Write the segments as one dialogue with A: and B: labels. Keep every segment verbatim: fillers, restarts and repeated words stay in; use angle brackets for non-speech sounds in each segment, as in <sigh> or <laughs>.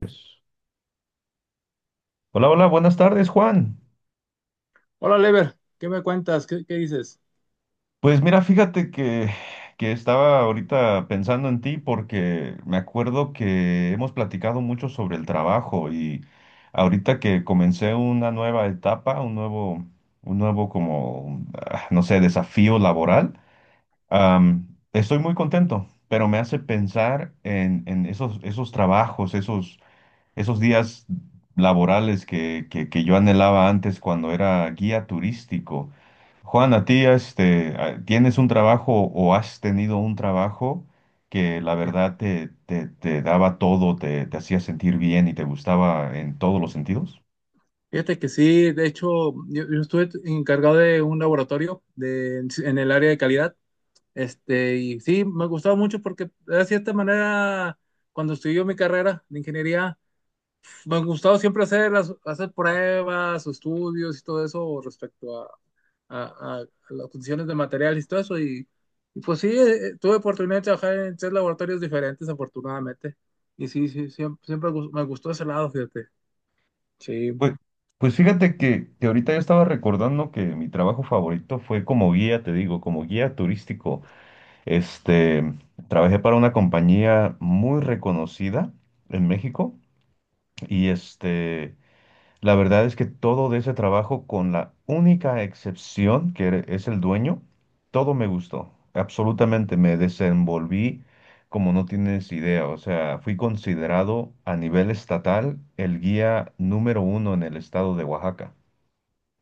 A: Pues, hola, hola, buenas tardes, Juan.
B: Hola, Lever, ¿qué me cuentas? ¿Qué, qué dices?
A: Pues mira, fíjate que, que estaba ahorita pensando en ti porque me acuerdo que hemos platicado mucho sobre el trabajo, y ahorita que comencé una nueva etapa, un nuevo, un nuevo como, ah, no sé, desafío laboral. am, Estoy muy contento, pero me hace pensar en, en esos, esos, trabajos, esos, esos días laborales que, que que yo anhelaba antes cuando era guía turístico. Juan, a ti, este, a- ¿tienes un trabajo o has tenido un trabajo que la
B: Ya.
A: verdad te, te, te daba todo, te, te hacía sentir bien y te gustaba en todos los sentidos?
B: Fíjate que sí, de hecho, yo, yo estuve t- encargado de un laboratorio de, en el área de calidad, este, y sí, me gustaba mucho porque de cierta manera, cuando estudié mi carrera de ingeniería, me ha gustado siempre hacer, las- hacer pruebas o estudios y todo eso respecto a, a- a las condiciones de materiales y todo eso, y, y pues sí, eh, eh, tuve oportunidad de trabajar en tres laboratorios diferentes, afortunadamente, y sí, sí, siempre, siempre gus- me gustó ese lado, fíjate. Sí,
A: Pues, pues fíjate que, que ahorita yo estaba recordando que mi trabajo favorito fue como guía, te digo, como guía turístico. Este, Trabajé para una compañía muy reconocida en México y este... la verdad es que todo de ese trabajo, con la única excepción que er- es el dueño, todo me gustó. Absolutamente me desenvolví como no tienes idea. O sea, fui considerado a nivel estatal el guía número uno en el estado de Oaxaca.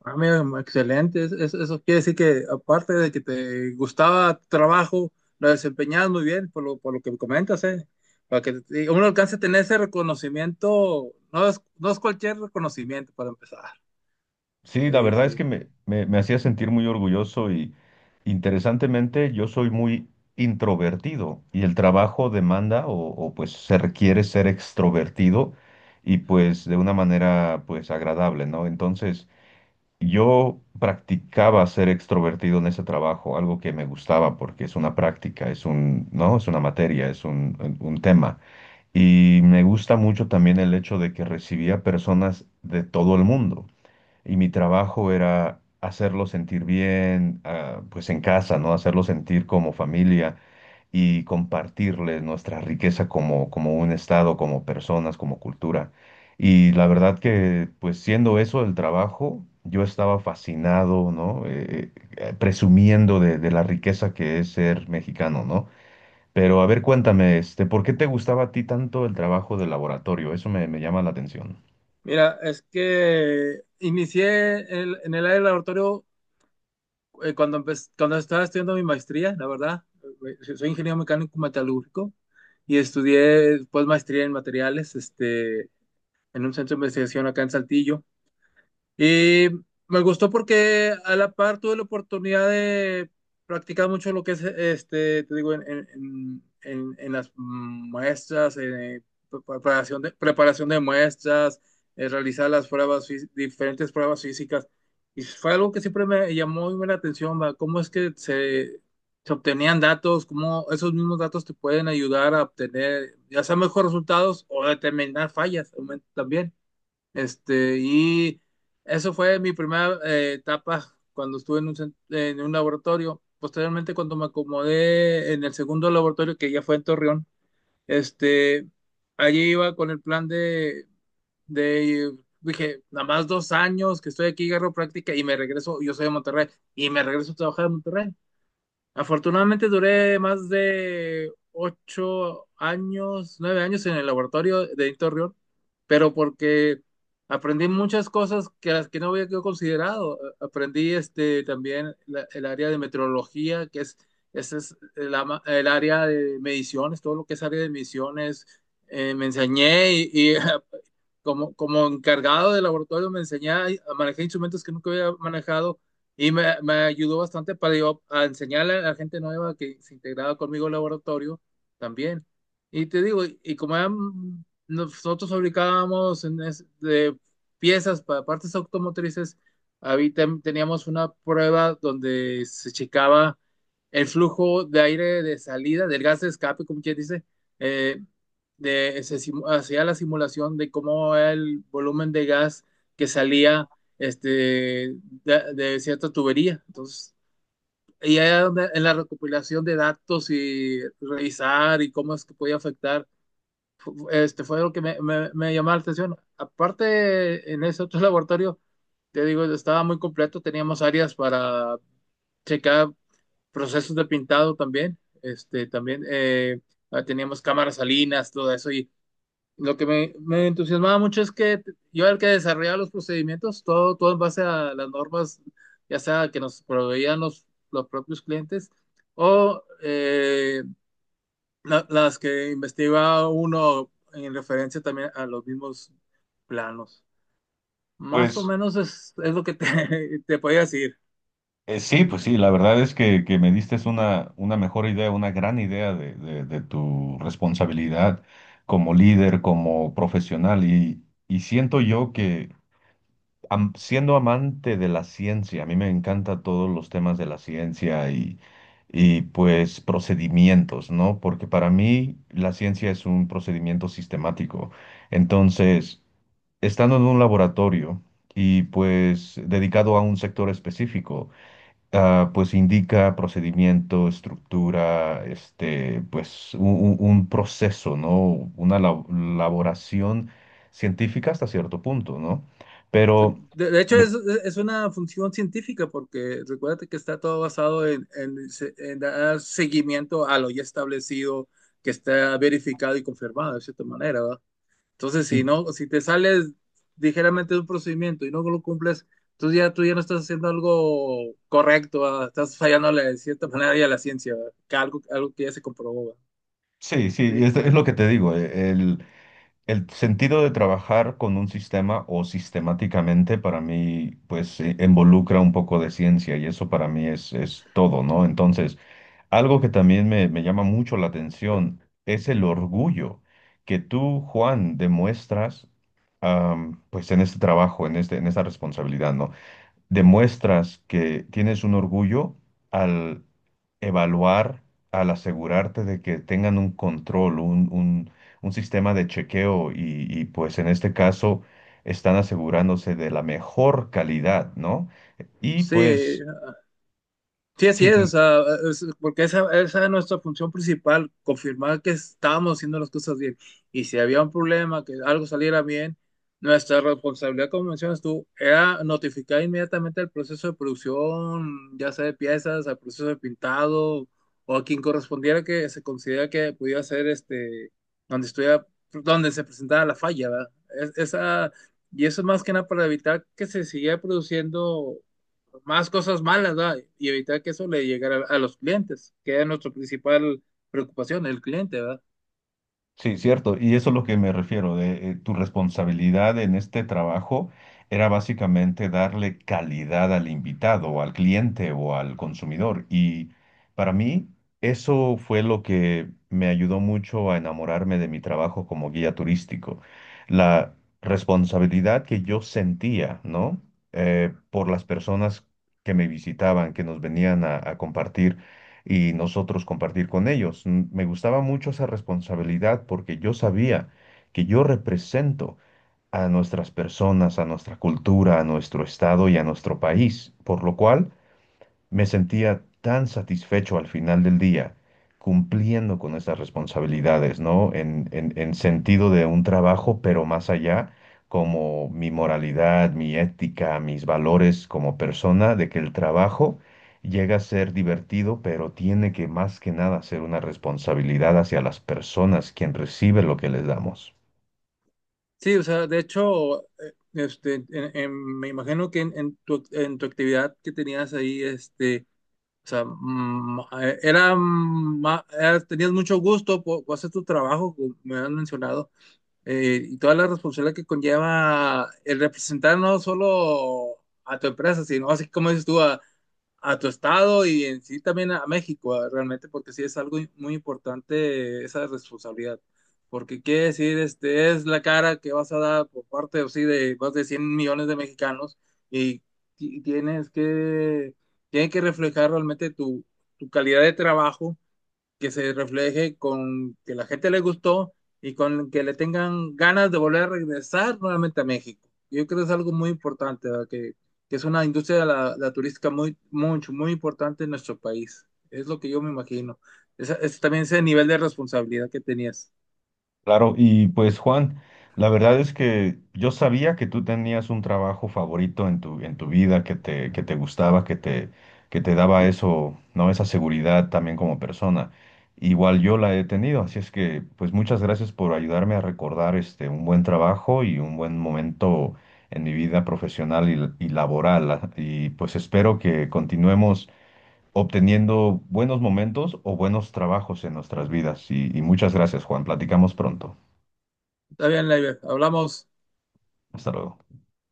B: ah, mira, excelente. Es- es- eso quiere decir que aparte de que te gustaba tu trabajo, lo desempeñabas muy bien, por lo, por lo que me comentas, ¿eh? Para que te- uno alcance a tener ese reconocimiento, no es, no es cualquier reconocimiento para empezar.
A: Sí, la
B: Sí,
A: verdad es que
B: sí.
A: me, me- me hacía sentir muy orgulloso, y interesantemente yo soy muy introvertido y el trabajo demanda o, o, pues se requiere ser extrovertido, y pues de una manera pues agradable, ¿no? Entonces yo practicaba ser extrovertido en ese trabajo, algo que me gustaba porque es una práctica, es un, ¿no? Es una materia, es un, un un tema. Y me gusta mucho también el hecho de que recibía personas de todo el mundo, y mi trabajo era hacerlo sentir bien, ah, pues en casa, ¿no? Hacerlo sentir como familia, y compartirles nuestra riqueza como, como un estado, como personas, como cultura. Y la verdad que, pues siendo eso el trabajo, yo estaba fascinado, ¿no? Eh, eh, presumiendo de, de la riqueza que es ser mexicano, ¿no? Pero a ver, cuéntame, este, ¿por qué te gustaba a ti tanto el trabajo de laboratorio? Eso me, me llama la atención.
B: Mira, es que inicié el- en el área del laboratorio eh, cuando, empe- cuando estaba estudiando mi maestría, la verdad. Eh, Soy ingeniero mecánico metalúrgico y estudié pues maestría en materiales, este en un centro de investigación acá en Saltillo. Y me gustó porque a la par tuve la oportunidad de practicar mucho lo que es, este, te digo, en, en- en- en- en las muestras, eh, preparación de, preparación de muestras, eh, realizar las pruebas, fí- diferentes pruebas físicas. Y fue algo que siempre me llamó muy la atención, va. ¿Cómo es que se, se obtenían datos? ¿Cómo esos mismos datos te pueden ayudar a obtener ya sea mejores resultados o determinar fallas también? Este, y eso fue mi primera eh, etapa cuando estuve en un, cen- en un laboratorio. Posteriormente, cuando me acomodé en el segundo laboratorio, que ya fue en Torreón, este, allí iba con el plan de, de, dije, nada más dos años que estoy aquí, agarro práctica y me regreso, yo soy de Monterrey, y me regreso a trabajar en Monterrey. Afortunadamente duré más de ocho años, nueve años en el laboratorio de Editor Rion, pero porque aprendí muchas cosas que las que no había yo considerado. Aprendí este también la- el área de meteorología, que es, ese es el, ama- el área de mediciones, todo lo que es área de mediciones. Eh, me enseñé y, y <laughs> como, como encargado del laboratorio me enseñé a, a manejar instrumentos que nunca había manejado y me, me ayudó bastante para yo a enseñarle a la gente nueva que se integraba conmigo al laboratorio también. Y te digo, y, y como eran- nosotros fabricábamos en es- de piezas para partes automotrices, habí- tem- teníamos una prueba donde se checaba el flujo de aire de salida, del gas de escape, como quien dice, eh, de, se hacía la simulación de cómo era el volumen de gas que salía este, de, de cierta tubería. Entonces, y ahí en la recopilación de datos y revisar y cómo es que podía afectar, este, fue lo que me, me, me llamó la atención. Aparte, en ese otro <laughs> laboratorio, te digo, estaba muy completo, teníamos áreas para checar procesos de pintado también, este, también eh, ah, teníamos cámaras salinas, todo eso, y lo que me, me entusiasmaba mucho es que yo era el que desarrollaba los procedimientos, todo, todo en base a las normas, ya sea que nos proveían los, los propios clientes, o eh, la- las que investigaba uno en referencia también a los mismos planos. Más o
A: pues
B: menos es, es lo que te, <laughs> te podía decir.
A: Eh, sí, pues sí, la verdad es que, que me diste una, una mejor idea, una gran idea de, de- de tu responsabilidad como líder, como profesional, y, y siento yo que, am- siendo amante de la ciencia, a mí me encanta todos los temas de la ciencia, y, y pues procedimientos, ¿no? Porque para mí la ciencia es un procedimiento sistemático. Entonces, estando en un laboratorio y pues dedicado a un sector específico, ah, pues indica procedimiento, estructura, este, pues u- u- un, proceso, ¿no? Una la- elaboración científica hasta cierto punto, ¿no? Pero
B: De, de hecho,
A: me-
B: es, es una función científica porque recuérdate que está todo basado en, en se- en dar seguimiento a lo ya establecido, que está verificado y confirmado de cierta manera, ¿verdad? Entonces,
A: y-
B: si no, si te sales ligeramente de un procedimiento y no lo cumples, tú ya, tú ya no estás haciendo algo correcto, ¿verdad? Estás fallándole de cierta manera ya a la ciencia, ¿verdad? Que algo, algo que ya se comprobó, ¿verdad?
A: sí, sí,
B: Sí,
A: es, es,
B: eh,
A: lo que te digo. eh, el, el sentido de trabajar con un sistema o sistemáticamente para mí, pues, eh, involucra un poco de ciencia, y eso para mí es, es todo, ¿no? Entonces, algo que también me, me llama mucho la atención es el orgullo que tú, Juan, demuestras, am, pues en este trabajo, en este, en esta responsabilidad, ¿no? Demuestras que tienes un orgullo al evaluar, al asegurarte de que tengan un control, un, un- un sistema de chequeo y, y, pues en este caso están asegurándose de la mejor calidad, ¿no? Y
B: sí.
A: pues
B: Sí, así
A: sí.
B: es, o sea, es- porque esa, esa es nuestra función principal, confirmar que estamos haciendo las cosas bien. Y si había un problema, que algo saliera bien, nuestra responsabilidad, como mencionas tú, era notificar inmediatamente al proceso de producción, ya sea de piezas, al proceso de pintado, o a quien correspondiera que se considera que pudiera ser este, donde estuviera, donde se presentaba la falla, ¿verdad? Es- esa, y eso es más que nada para evitar que se siguiera produciendo más cosas malas, ¿verdad? Y evitar que eso le llegara a, a los clientes, que es nuestra principal preocupación, el cliente, ¿verdad?
A: Sí, cierto, y eso es lo que me refiero, de eh, tu responsabilidad en este trabajo era básicamente darle calidad al invitado, o al cliente o al consumidor. Y para mí eso fue lo que me ayudó mucho a enamorarme de mi trabajo como guía turístico. La responsabilidad que yo sentía, ¿no? Eh, por las personas que me visitaban, que nos venían a a compartir y nosotros compartir con ellos. Mm. Me gustaba mucho esa responsabilidad porque yo sabía que yo represento a nuestras personas, a nuestra cultura, a nuestro estado y a nuestro país, por lo cual me sentía tan satisfecho al final del día, cumpliendo con esas responsabilidades, ¿no? En, en, en sentido de un trabajo, pero más allá, como mi moralidad, mi ética, mis valores como persona, de que el trabajo llega a ser divertido, pero tiene que más que nada ser una responsabilidad hacia las personas, quien recibe lo que les damos.
B: Sí, o sea, de hecho, eh, este, en- en- me imagino que en, en tu, en tu actividad que tenías ahí, este, o sea, mm, eh, era, mm, ma- era- tenías mucho gusto por, por hacer tu trabajo, como me han mencionado, eh, y toda la responsabilidad que conlleva el representar no solo a tu empresa, sino así como dices tú, a a tu estado y en sí también a México, eh, realmente, porque sí es algo muy importante esa responsabilidad. Porque quiere decir, este, es la cara que vas a dar por parte, o sí, de más de cien millones de mexicanos y, ti- tienes que, tiene que reflejar realmente tu, tu calidad de trabajo que se refleje con que la gente le gustó y con que le tengan ganas de volver a regresar nuevamente a México. Yo creo que es algo muy importante, ¿verdad? que, que es una industria de la, la, turística muy, mucho, muy importante en nuestro país. Es lo que yo me imagino. Es, es también ese nivel de responsabilidad que tenías.
A: Claro, y pues Juan, la verdad es que yo sabía que tú tenías un trabajo favorito en tu, en tu vida, que te, que te gustaba, que te, que te daba eso, ¿no? Esa seguridad también como persona. Igual yo la he tenido, así es que pues muchas gracias por ayudarme a recordar este un buen trabajo y un buen momento en mi vida profesional y, y laboral. ah, Y pues espero que continuemos obteniendo buenos momentos o buenos trabajos en nuestras vidas. Y, y muchas gracias, Juan. Platicamos pronto.
B: Está bien, Leiber. Hablamos.
A: Hasta luego.